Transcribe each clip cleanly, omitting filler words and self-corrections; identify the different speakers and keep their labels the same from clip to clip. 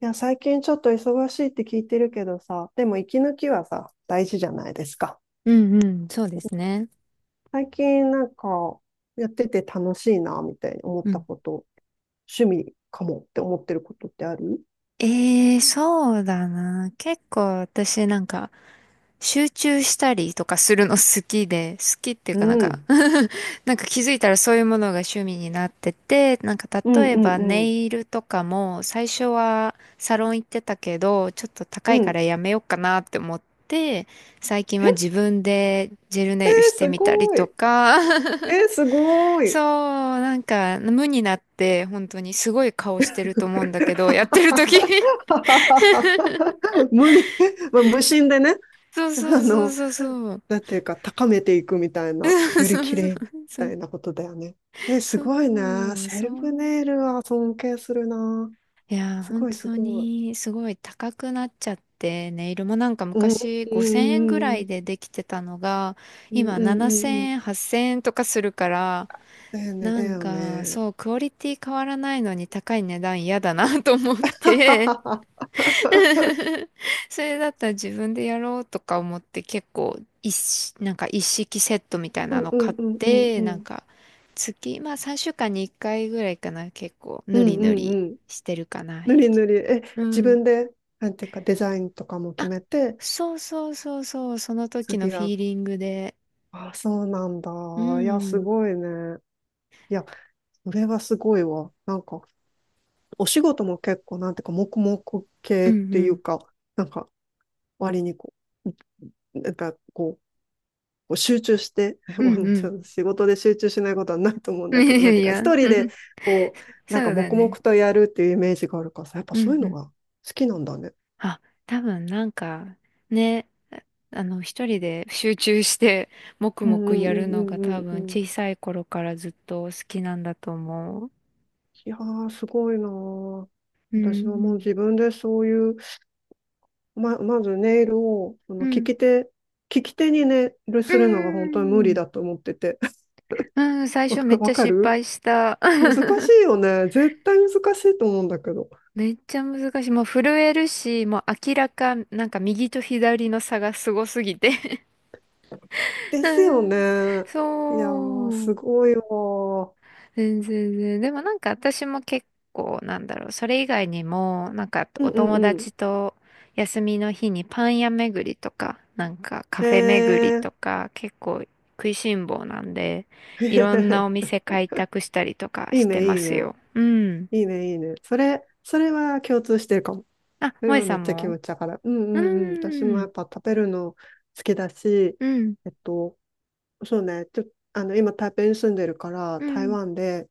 Speaker 1: いや、最近ちょっと忙しいって聞いてるけどさ、でも息抜きはさ、大事じゃないですか。
Speaker 2: うんうん、そうですね。
Speaker 1: 最近なんか、やってて楽しいな、みたいに思っ
Speaker 2: う
Speaker 1: た
Speaker 2: ん。
Speaker 1: こと、趣味かもって思ってることってある？
Speaker 2: そうだな。結構私なんか集中したりとかするの好きで、好きっていう
Speaker 1: う
Speaker 2: かなんか
Speaker 1: ん。
Speaker 2: なんか気づいたらそういうものが趣味になってて、なんか
Speaker 1: うん
Speaker 2: 例え
Speaker 1: う
Speaker 2: ば
Speaker 1: ん
Speaker 2: ネ
Speaker 1: うん。
Speaker 2: イルとかも最初はサロン行ってたけど、ちょっと高
Speaker 1: う
Speaker 2: いか
Speaker 1: ん。
Speaker 2: らやめようかなって思って、最近は
Speaker 1: え、
Speaker 2: 自分でジェル
Speaker 1: え
Speaker 2: ネイル
Speaker 1: ー
Speaker 2: して
Speaker 1: す
Speaker 2: みたり
Speaker 1: ごい。
Speaker 2: と
Speaker 1: え
Speaker 2: か
Speaker 1: ー すごい。
Speaker 2: そう、なんか無になって本当にすごい顔してると思うんだけど、やってる時
Speaker 1: 無理、まあ、無心でね、
Speaker 2: そう
Speaker 1: あ
Speaker 2: そうそう
Speaker 1: の、
Speaker 2: そうそう。
Speaker 1: なんていうか、高めていくみたい な、
Speaker 2: そう
Speaker 1: より綺
Speaker 2: そう
Speaker 1: 麗み
Speaker 2: そ
Speaker 1: た
Speaker 2: う。
Speaker 1: いなことだよね。え、す
Speaker 2: そ
Speaker 1: ごいね。
Speaker 2: う
Speaker 1: セ
Speaker 2: そ
Speaker 1: ルフネ
Speaker 2: う。
Speaker 1: イルは尊敬するな。
Speaker 2: いや
Speaker 1: す
Speaker 2: 本
Speaker 1: ごいす
Speaker 2: 当
Speaker 1: ごい。
Speaker 2: にすごい高くなっちゃって、ネイルもなんか
Speaker 1: うん、
Speaker 2: 昔
Speaker 1: う
Speaker 2: 5000円ぐら
Speaker 1: ん、う
Speaker 2: い
Speaker 1: ん、
Speaker 2: でできてたのが、
Speaker 1: うん、う
Speaker 2: 今
Speaker 1: ん、う
Speaker 2: 7000
Speaker 1: んうん。
Speaker 2: 円、8000円とかするから、
Speaker 1: だよね、
Speaker 2: な
Speaker 1: だ
Speaker 2: ん
Speaker 1: よ
Speaker 2: か
Speaker 1: ね。
Speaker 2: そう、クオリティ変わらないのに高い値段嫌だなと思っ
Speaker 1: は
Speaker 2: て、
Speaker 1: ははは。
Speaker 2: それだったら自分でやろうとか思って結構一式、なんか一式セットみたい
Speaker 1: う
Speaker 2: な
Speaker 1: ん、
Speaker 2: の
Speaker 1: う
Speaker 2: 買
Speaker 1: ん、
Speaker 2: っ
Speaker 1: うん、うん、
Speaker 2: て、
Speaker 1: う
Speaker 2: なん
Speaker 1: ん。
Speaker 2: か月、まあ3週間に1回ぐらいかな、結構
Speaker 1: う
Speaker 2: ぬり
Speaker 1: ん、う
Speaker 2: ぬり
Speaker 1: ん、うん。
Speaker 2: してるかな。
Speaker 1: ぬりぬり。え、
Speaker 2: う
Speaker 1: 自
Speaker 2: ん。
Speaker 1: 分で、なんていうか、デザインとかも決
Speaker 2: あ、
Speaker 1: めて、
Speaker 2: そうそうそうそう、その時の
Speaker 1: 次
Speaker 2: フ
Speaker 1: が、
Speaker 2: ィーリングで。
Speaker 1: あ、そうなんだ。
Speaker 2: う
Speaker 1: いや、す
Speaker 2: ん。
Speaker 1: ごいね。いや、それはすごいわ。なんか、お仕事も結構、なんていうか、黙々
Speaker 2: う
Speaker 1: 系っ
Speaker 2: んう
Speaker 1: ていう
Speaker 2: ん。
Speaker 1: か、なんか、割にこう、なんか、こう集中して、
Speaker 2: う
Speaker 1: もうち
Speaker 2: ん
Speaker 1: ょっと仕事で集中しないことはないと思うん
Speaker 2: うん。
Speaker 1: だけど、なん て
Speaker 2: い
Speaker 1: いうか、
Speaker 2: や、
Speaker 1: 一人で、こう、な
Speaker 2: そ
Speaker 1: んか、
Speaker 2: うだ
Speaker 1: 黙々
Speaker 2: ね。
Speaker 1: とやるっていうイメージがあるからさ、やっぱ
Speaker 2: う
Speaker 1: そう
Speaker 2: ん
Speaker 1: いう
Speaker 2: う
Speaker 1: の
Speaker 2: ん。
Speaker 1: が好きなんだね。
Speaker 2: あ、多分なんかね、あの一人で集中して黙
Speaker 1: う
Speaker 2: 々
Speaker 1: んう
Speaker 2: やる
Speaker 1: んう
Speaker 2: のが
Speaker 1: んう
Speaker 2: 多
Speaker 1: んう
Speaker 2: 分
Speaker 1: んうん。
Speaker 2: 小さい頃からずっと好きなんだと思う。
Speaker 1: いやー、すごいなー。
Speaker 2: う
Speaker 1: 私はもう
Speaker 2: ん、
Speaker 1: 自分でそういう、まずネイルを、
Speaker 2: う
Speaker 1: 利
Speaker 2: ん、
Speaker 1: き手、利き手にネイル
Speaker 2: う
Speaker 1: するのが本当に無
Speaker 2: ん、う
Speaker 1: 理
Speaker 2: ん、
Speaker 1: だと思ってて。
Speaker 2: うん。最
Speaker 1: わ
Speaker 2: 初め
Speaker 1: か
Speaker 2: っち
Speaker 1: わ
Speaker 2: ゃ
Speaker 1: か
Speaker 2: 失
Speaker 1: る
Speaker 2: 敗した。
Speaker 1: 難しい よね。絶対難しいと思うんだけど。
Speaker 2: めっちゃ難しい。もう震えるし、もう明らかなんか右と左の差がすごすぎて
Speaker 1: です
Speaker 2: う
Speaker 1: よね。
Speaker 2: ん、
Speaker 1: いやー、
Speaker 2: そ
Speaker 1: す
Speaker 2: う。
Speaker 1: ごいわー。
Speaker 2: 全然全然。でもなんか私も結構なんだろう。それ以外にも、なんか
Speaker 1: うん
Speaker 2: お
Speaker 1: うん
Speaker 2: 友
Speaker 1: うん。
Speaker 2: 達と休みの日にパン屋巡りとか、なんかカ
Speaker 1: へ
Speaker 2: フェ巡りと
Speaker 1: え。
Speaker 2: か、結構食いしん坊なんで、いろんなお 店開拓したりとか
Speaker 1: いい
Speaker 2: して
Speaker 1: ね、い
Speaker 2: ま
Speaker 1: い
Speaker 2: す
Speaker 1: ね。
Speaker 2: よ。うん。
Speaker 1: いいね、いいね。それは共通してるかも。
Speaker 2: あ、
Speaker 1: それ
Speaker 2: 萌
Speaker 1: はめ
Speaker 2: さ
Speaker 1: っ
Speaker 2: ん
Speaker 1: ちゃ気
Speaker 2: も？
Speaker 1: 持ちだから。うんう
Speaker 2: う
Speaker 1: んうん。私も
Speaker 2: ー
Speaker 1: や
Speaker 2: ん。
Speaker 1: っぱ食べるの好きだし、
Speaker 2: うん。
Speaker 1: えっと、そうね。ちょ、あの、今台北に住んでるから、
Speaker 2: う
Speaker 1: 台
Speaker 2: ん。
Speaker 1: 湾で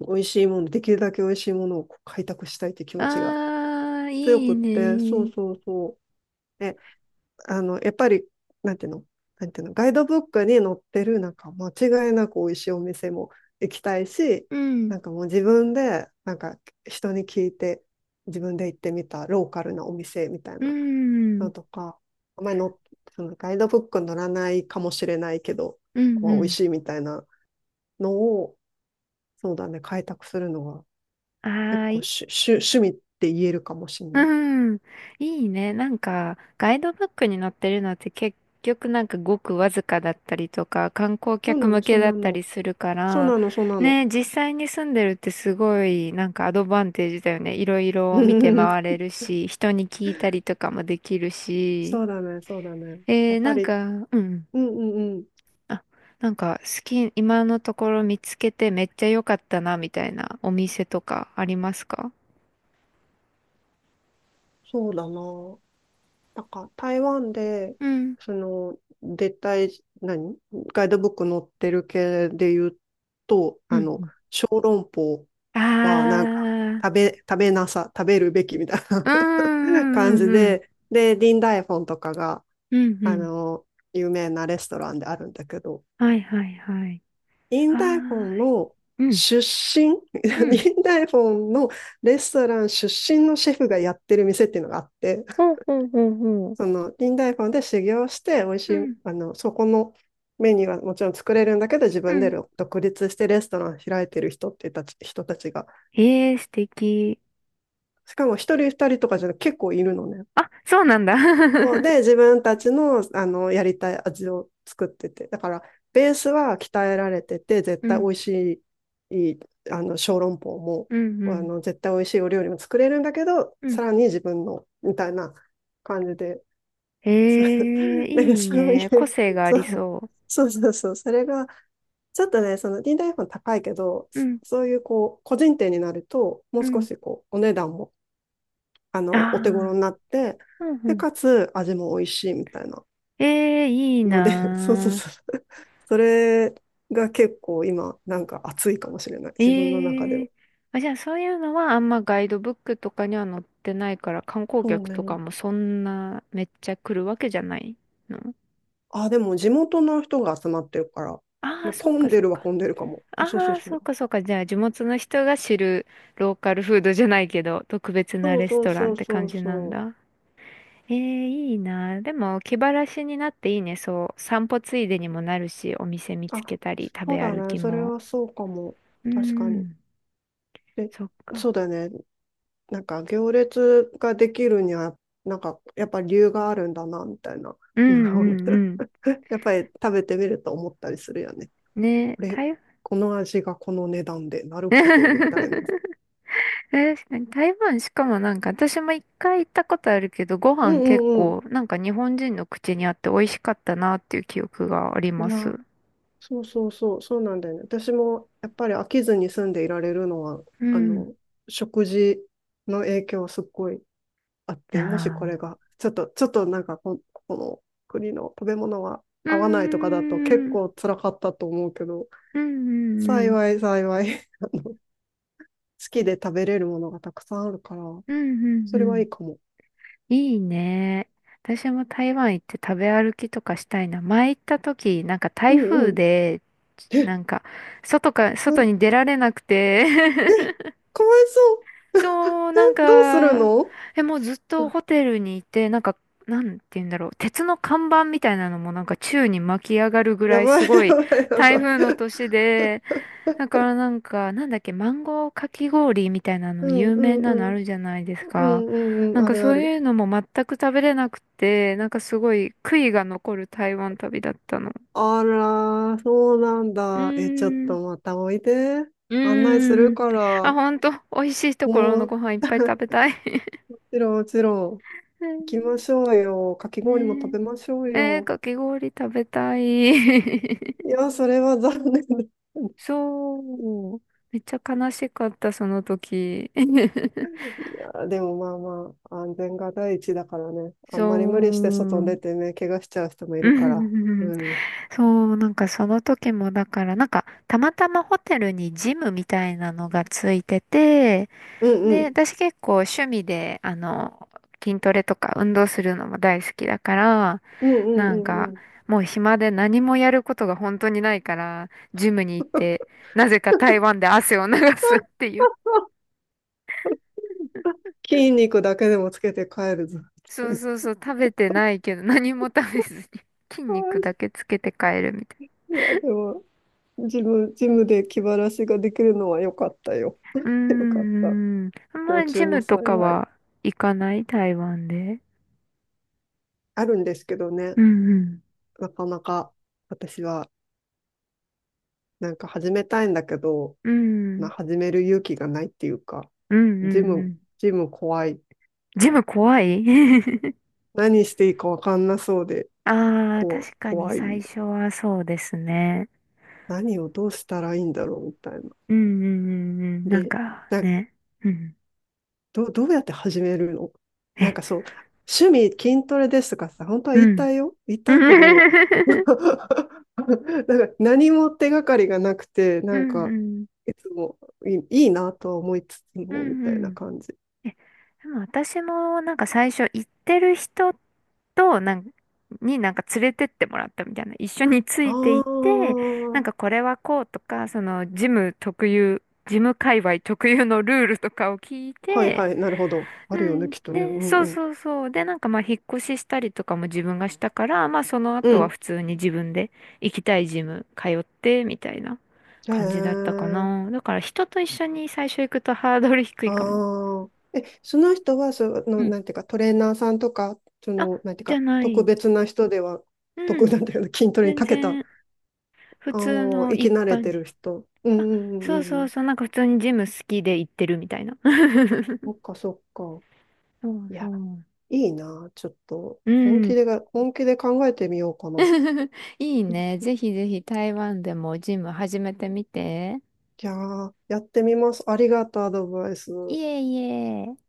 Speaker 1: 美味しいもの、できるだけ美味しいものをこう開拓したいって気持ちが
Speaker 2: あー、
Speaker 1: 強
Speaker 2: い
Speaker 1: く
Speaker 2: い
Speaker 1: って、そう
Speaker 2: ね。
Speaker 1: そうそう。え、やっぱり、なんていうの、なんていうの、ガイドブックに載ってる、なんか間違いなく美味しいお店も行きたいし、
Speaker 2: うん。
Speaker 1: なんかもう自分で、なんか人に聞いて、自分で行ってみたローカルなお店みたい
Speaker 2: う
Speaker 1: なの
Speaker 2: ん。
Speaker 1: とか、あんまりの、そのガイドブックに載らないかもしれないけど、
Speaker 2: う
Speaker 1: ここ
Speaker 2: んう
Speaker 1: は美味
Speaker 2: ん。
Speaker 1: しいみたいなのを、そうだね、開拓するのが
Speaker 2: あ
Speaker 1: 結
Speaker 2: ー
Speaker 1: 構
Speaker 2: い
Speaker 1: 趣味って言えるかもしれ
Speaker 2: う
Speaker 1: ない。
Speaker 2: ん。いいね。なんか、ガイドブックに載ってるのって結局なんかごくわずかだったりとか、観光
Speaker 1: そう
Speaker 2: 客
Speaker 1: な
Speaker 2: 向
Speaker 1: の、そ
Speaker 2: け
Speaker 1: ん
Speaker 2: だ
Speaker 1: な
Speaker 2: った
Speaker 1: の。
Speaker 2: りするか
Speaker 1: そう
Speaker 2: ら、
Speaker 1: なの、そうなの。
Speaker 2: ね、実際に住んでるってすごいなんかアドバンテージだよね。いろいろ見て回 れるし、人に聞いたりとかもできるし。
Speaker 1: そうだね、そうだね。や
Speaker 2: え
Speaker 1: っ
Speaker 2: ー、
Speaker 1: ぱ
Speaker 2: なん
Speaker 1: り、
Speaker 2: か、うん。
Speaker 1: うんうんうん、
Speaker 2: あ、なんか好き、今のところ見つけてめっちゃ良かったな、みたいなお店とかありますか？
Speaker 1: そうだな。なんか台湾で、
Speaker 2: うん。
Speaker 1: その、絶対、何ガイドブック載ってる系で言うと、
Speaker 2: うんうん。
Speaker 1: 小籠包は
Speaker 2: あ
Speaker 1: なんか、食
Speaker 2: あ。
Speaker 1: べ、食べなさ、食べるべきみたい
Speaker 2: うー
Speaker 1: な 感
Speaker 2: ん、
Speaker 1: じ
Speaker 2: うん、
Speaker 1: で、で、ディンダイフォンとかが、
Speaker 2: うん、うん、う
Speaker 1: あ
Speaker 2: ん。
Speaker 1: の、有名なレストランであるんだけど、
Speaker 2: はいはい、はい。
Speaker 1: イン
Speaker 2: は
Speaker 1: ダイフォンの
Speaker 2: ーい。うん、
Speaker 1: 出身、
Speaker 2: うん。
Speaker 1: インダイフォンのレストラン出身のシェフがやってる店っていうのがあって、
Speaker 2: ほうほうほうほう。
Speaker 1: そのインダイフォンで修行して、美味し
Speaker 2: う
Speaker 1: い、
Speaker 2: ん、
Speaker 1: そこのメニューはもちろん作れるんだけど、自
Speaker 2: う
Speaker 1: 分で
Speaker 2: ん。
Speaker 1: 独立してレストラン開いてる人たちが、
Speaker 2: へえ、素敵。
Speaker 1: しかも一人二人とかじゃなくて結構いるのね。
Speaker 2: あ、そうなんだ。
Speaker 1: そうで、自 分たちの、やりたい味を作ってて、だからベースは鍛えられてて、絶
Speaker 2: う
Speaker 1: 対美
Speaker 2: ん、
Speaker 1: 味しい、いい小籠包も
Speaker 2: うん、うん、
Speaker 1: 絶対美味しいお料理も作れるんだけど、
Speaker 2: うん。
Speaker 1: さらに自分のみたいな感じで、
Speaker 2: へえ、
Speaker 1: なんか
Speaker 2: いい
Speaker 1: そうい
Speaker 2: ね。個
Speaker 1: う、
Speaker 2: 性があ
Speaker 1: そ
Speaker 2: り
Speaker 1: う
Speaker 2: そ
Speaker 1: そうそうそう、それがちょっとね、その D 台本高いけど、
Speaker 2: う。うん、
Speaker 1: そういうこう個人店になると、もう
Speaker 2: う
Speaker 1: 少
Speaker 2: ん。
Speaker 1: しこうお値段も
Speaker 2: あ
Speaker 1: お手頃
Speaker 2: あ、
Speaker 1: になって、
Speaker 2: うん、う
Speaker 1: で、
Speaker 2: ん。
Speaker 1: かつ味も美味しいみたいな。
Speaker 2: ええ、いい
Speaker 1: ので、そうそう
Speaker 2: な。
Speaker 1: そう。それが結構今、なんか熱いかもしれない。自分の中で
Speaker 2: え
Speaker 1: は。
Speaker 2: え。あ、じゃあそういうのはあんまガイドブックとかには載ってないから観光
Speaker 1: そう
Speaker 2: 客とか
Speaker 1: ね。
Speaker 2: もそんなめっちゃ来るわけじゃないの？
Speaker 1: あ、でも地元の人が集まってるから。
Speaker 2: ああー、
Speaker 1: で
Speaker 2: そっ
Speaker 1: 混
Speaker 2: か
Speaker 1: んで
Speaker 2: そっ
Speaker 1: るは
Speaker 2: か。
Speaker 1: 混んでるかも。そうそう
Speaker 2: ああ、
Speaker 1: そ
Speaker 2: そっ
Speaker 1: う。
Speaker 2: かそっか。じゃあ地元の人が知るローカルフードじゃないけど特別な
Speaker 1: そう
Speaker 2: レス
Speaker 1: そう
Speaker 2: トラ
Speaker 1: そ
Speaker 2: ンっ
Speaker 1: う
Speaker 2: て
Speaker 1: そ
Speaker 2: 感
Speaker 1: う
Speaker 2: じなん
Speaker 1: そ
Speaker 2: だ。ええ、いいな。でも気晴らしになっていいね。そう。散歩ついでにもなるし、お店見
Speaker 1: う。
Speaker 2: つけ
Speaker 1: あ、
Speaker 2: たり食
Speaker 1: そう
Speaker 2: べ
Speaker 1: だ
Speaker 2: 歩
Speaker 1: ね。
Speaker 2: き
Speaker 1: それ
Speaker 2: も。
Speaker 1: はそうかも。
Speaker 2: う
Speaker 1: 確かに。
Speaker 2: ん、
Speaker 1: で、
Speaker 2: そっ
Speaker 1: そう
Speaker 2: か。
Speaker 1: だね。なんか行列ができるには、なんかやっぱ理由があるんだな、みたいな
Speaker 2: う
Speaker 1: の
Speaker 2: ん
Speaker 1: が。
Speaker 2: うんうん。
Speaker 1: やっぱり食べてみると思ったりするよね。
Speaker 2: ね、
Speaker 1: これ、
Speaker 2: 台
Speaker 1: この味がこの値段で、なるほど、みたいな。
Speaker 2: 確かに台湾しかもなんか私も一回行ったことあるけどご
Speaker 1: う
Speaker 2: 飯
Speaker 1: ん
Speaker 2: 結
Speaker 1: うんう
Speaker 2: 構なんか日本人の口にあって美味しかったなっていう記憶があり
Speaker 1: ん。い
Speaker 2: ま
Speaker 1: や、
Speaker 2: す。
Speaker 1: そうそうそう、そうなんだよね。私もやっぱり飽きずに住んでいられるのは、
Speaker 2: う
Speaker 1: あ
Speaker 2: ん。
Speaker 1: の、食事の影響はすっごいあっ
Speaker 2: あ
Speaker 1: て、もしこれ
Speaker 2: あ。
Speaker 1: が、ちょっとなんかこの国の食べ物は
Speaker 2: う
Speaker 1: 合わないとかだと結
Speaker 2: ーん。
Speaker 1: 構辛かったと思うけど、
Speaker 2: うんうんうん。
Speaker 1: 幸い幸い、好きで食べれるものがたくさんあるから、
Speaker 2: うんうん
Speaker 1: そ
Speaker 2: う
Speaker 1: れはい
Speaker 2: ん。
Speaker 1: いかも。
Speaker 2: いいね。私も台湾行って食べ歩きとかしたいな。前行った時なんか
Speaker 1: う
Speaker 2: 台
Speaker 1: んう
Speaker 2: 風
Speaker 1: ん。
Speaker 2: で
Speaker 1: え、
Speaker 2: なんか
Speaker 1: な
Speaker 2: 外
Speaker 1: ん、
Speaker 2: に出られなくて
Speaker 1: え、かわいそう。
Speaker 2: そう、なん
Speaker 1: どうする
Speaker 2: か、
Speaker 1: の？
Speaker 2: もうずっと ホテルにいて、なんか、なんて言うんだろう、鉄の看板みたいなのもなんか宙に巻き上がるぐら
Speaker 1: や
Speaker 2: い
Speaker 1: ば
Speaker 2: す
Speaker 1: い
Speaker 2: ご
Speaker 1: や
Speaker 2: い
Speaker 1: ばいや
Speaker 2: 台
Speaker 1: ば
Speaker 2: 風
Speaker 1: い。
Speaker 2: の年で、だからなんか、なんだっけ、マンゴーかき氷みたいな
Speaker 1: う
Speaker 2: の
Speaker 1: ん
Speaker 2: 有
Speaker 1: う
Speaker 2: 名
Speaker 1: ん
Speaker 2: な
Speaker 1: う
Speaker 2: のあ
Speaker 1: ん。
Speaker 2: るじゃないです
Speaker 1: う
Speaker 2: か。
Speaker 1: んうんう
Speaker 2: な
Speaker 1: ん。
Speaker 2: ん
Speaker 1: あ
Speaker 2: か
Speaker 1: る
Speaker 2: そ
Speaker 1: あ
Speaker 2: う
Speaker 1: る。
Speaker 2: いうのも全く食べれなくて、なんかすごい悔いが残る台湾旅だったの。
Speaker 1: あら、そうなん
Speaker 2: うー
Speaker 1: だ。え、ちょっ
Speaker 2: ん、
Speaker 1: とまたおいで。
Speaker 2: う
Speaker 1: 案内す
Speaker 2: ー
Speaker 1: る
Speaker 2: ん。
Speaker 1: か
Speaker 2: あ、
Speaker 1: ら。
Speaker 2: ほんと、美味しいところの
Speaker 1: も
Speaker 2: ご飯いっぱい食べたい。
Speaker 1: ちろんもちろん。
Speaker 2: う
Speaker 1: 行きま
Speaker 2: ん。
Speaker 1: しょうよ。かき氷も食
Speaker 2: ね
Speaker 1: べましょう
Speaker 2: え。えー、
Speaker 1: よ。
Speaker 2: かき氷食べたい。
Speaker 1: いや、それは残念だ。
Speaker 2: そう。めっちゃ悲しかった、その時。
Speaker 1: いや、でもまあまあ、安全が第一だからね。あんまり無
Speaker 2: そ
Speaker 1: 理して外に
Speaker 2: う。
Speaker 1: 出てね、怪我しちゃう人も い
Speaker 2: う
Speaker 1: るから。う
Speaker 2: ん、
Speaker 1: ん。うん
Speaker 2: そう、なんかその時もだから、なんかたまたまホテルにジムみたいなのがついてて、
Speaker 1: う
Speaker 2: で、
Speaker 1: ん。
Speaker 2: 私結構趣味で、筋トレとか運動するのも大好きだから、
Speaker 1: うんうん
Speaker 2: な
Speaker 1: う
Speaker 2: ん
Speaker 1: んう
Speaker 2: か、
Speaker 1: ん。
Speaker 2: もう暇で何もやることが本当にないから、ジムに行って、なぜか台湾で汗を流すっていう。
Speaker 1: 筋肉だけでもつけて帰るぞ。
Speaker 2: そう そうそう、食べてないけど、何も食べずに、筋肉
Speaker 1: あ
Speaker 2: だけつけて帰るみたい
Speaker 1: ーいや、でも、ジムで気晴らしができるのは良かったよ。
Speaker 2: な。う
Speaker 1: 良か
Speaker 2: ー
Speaker 1: った。
Speaker 2: ん、あ
Speaker 1: 不
Speaker 2: んま
Speaker 1: 幸
Speaker 2: りジ
Speaker 1: 中の
Speaker 2: ムとか
Speaker 1: 幸い。
Speaker 2: は行かない台湾で。
Speaker 1: あるんですけど
Speaker 2: う
Speaker 1: ね、
Speaker 2: んうん。
Speaker 1: なかなか私はなんか始めたいんだけど、
Speaker 2: う
Speaker 1: まあ、
Speaker 2: ん、
Speaker 1: 始める勇気がないっていうか、
Speaker 2: うんう
Speaker 1: ジ
Speaker 2: んう
Speaker 1: ム、
Speaker 2: ん。
Speaker 1: ジム怖い。
Speaker 2: ジム怖い。
Speaker 1: 何していいかわかんなそうで、
Speaker 2: ああ、
Speaker 1: こう、
Speaker 2: 確かに
Speaker 1: 怖い。
Speaker 2: 最初はそうですね。
Speaker 1: 何をどうしたらいいんだろうみたいな。
Speaker 2: うんうんうんうん。なん
Speaker 1: で、
Speaker 2: か
Speaker 1: なん
Speaker 2: ね。うん。
Speaker 1: ど、どうやって始めるの？なんか
Speaker 2: え、
Speaker 1: そう、趣味筋トレですとかさ、本当は
Speaker 2: う
Speaker 1: 言いた
Speaker 2: ん。
Speaker 1: いよ。言い
Speaker 2: う
Speaker 1: たいけど、な
Speaker 2: ん。
Speaker 1: ん か何も手がかりがなくて、
Speaker 2: う
Speaker 1: なん
Speaker 2: ん
Speaker 1: か、
Speaker 2: うん。
Speaker 1: いつもいいなとは思いつつ
Speaker 2: う
Speaker 1: も、み
Speaker 2: ん
Speaker 1: たい
Speaker 2: う
Speaker 1: な
Speaker 2: ん。
Speaker 1: 感じ。
Speaker 2: え、でも私もなんか最初行ってる人となんになんか連れてってもらったみたいな。一緒につ
Speaker 1: あ
Speaker 2: いて行って、なん
Speaker 1: あ、
Speaker 2: かこれはこうとか、ジム界隈特有のルールとかを聞い
Speaker 1: はい
Speaker 2: て、
Speaker 1: はい、なるほど。
Speaker 2: う
Speaker 1: あるよね、
Speaker 2: ん。
Speaker 1: きっとね。う
Speaker 2: で、
Speaker 1: ん
Speaker 2: そう
Speaker 1: うん。
Speaker 2: そうそう。で、なんかまあ、引っ越ししたりとかも自分がしたから、まあ、その
Speaker 1: う
Speaker 2: 後は
Speaker 1: ん。
Speaker 2: 普通に自分で行きたいジム通って、みたいな
Speaker 1: へ
Speaker 2: 感じだったか
Speaker 1: え。
Speaker 2: な。だから人と一緒に最初行くとハードル低いかも。
Speaker 1: ああ。え、その人は、
Speaker 2: うん。
Speaker 1: なんていうか、トレーナーさんとか、
Speaker 2: あ、
Speaker 1: なんていう
Speaker 2: じゃ
Speaker 1: か、
Speaker 2: な
Speaker 1: 特
Speaker 2: い。
Speaker 1: 別な人では、
Speaker 2: うん。
Speaker 1: なんていうの、筋トレに
Speaker 2: 全
Speaker 1: 長けた。
Speaker 2: 然、普
Speaker 1: あ
Speaker 2: 通
Speaker 1: あ、
Speaker 2: の
Speaker 1: 生き
Speaker 2: 一
Speaker 1: 慣れ
Speaker 2: 般
Speaker 1: てる
Speaker 2: 人。
Speaker 1: 人。う
Speaker 2: あ、
Speaker 1: んうんう
Speaker 2: そう
Speaker 1: んう
Speaker 2: そう
Speaker 1: ん。
Speaker 2: そう。なんか普通にジム好きで行ってるみたいな。
Speaker 1: そ っかそっか。
Speaker 2: そう
Speaker 1: い
Speaker 2: そ
Speaker 1: や、
Speaker 2: う。
Speaker 1: いいな。ちょっと、
Speaker 2: う
Speaker 1: 本
Speaker 2: ん。
Speaker 1: 気でが、本気で考えてみようかな。
Speaker 2: いいね。ぜひぜひ台湾でもジム始めてみて。
Speaker 1: じゃあ、やってみます。ありがとう、アドバイス。
Speaker 2: いえいえ。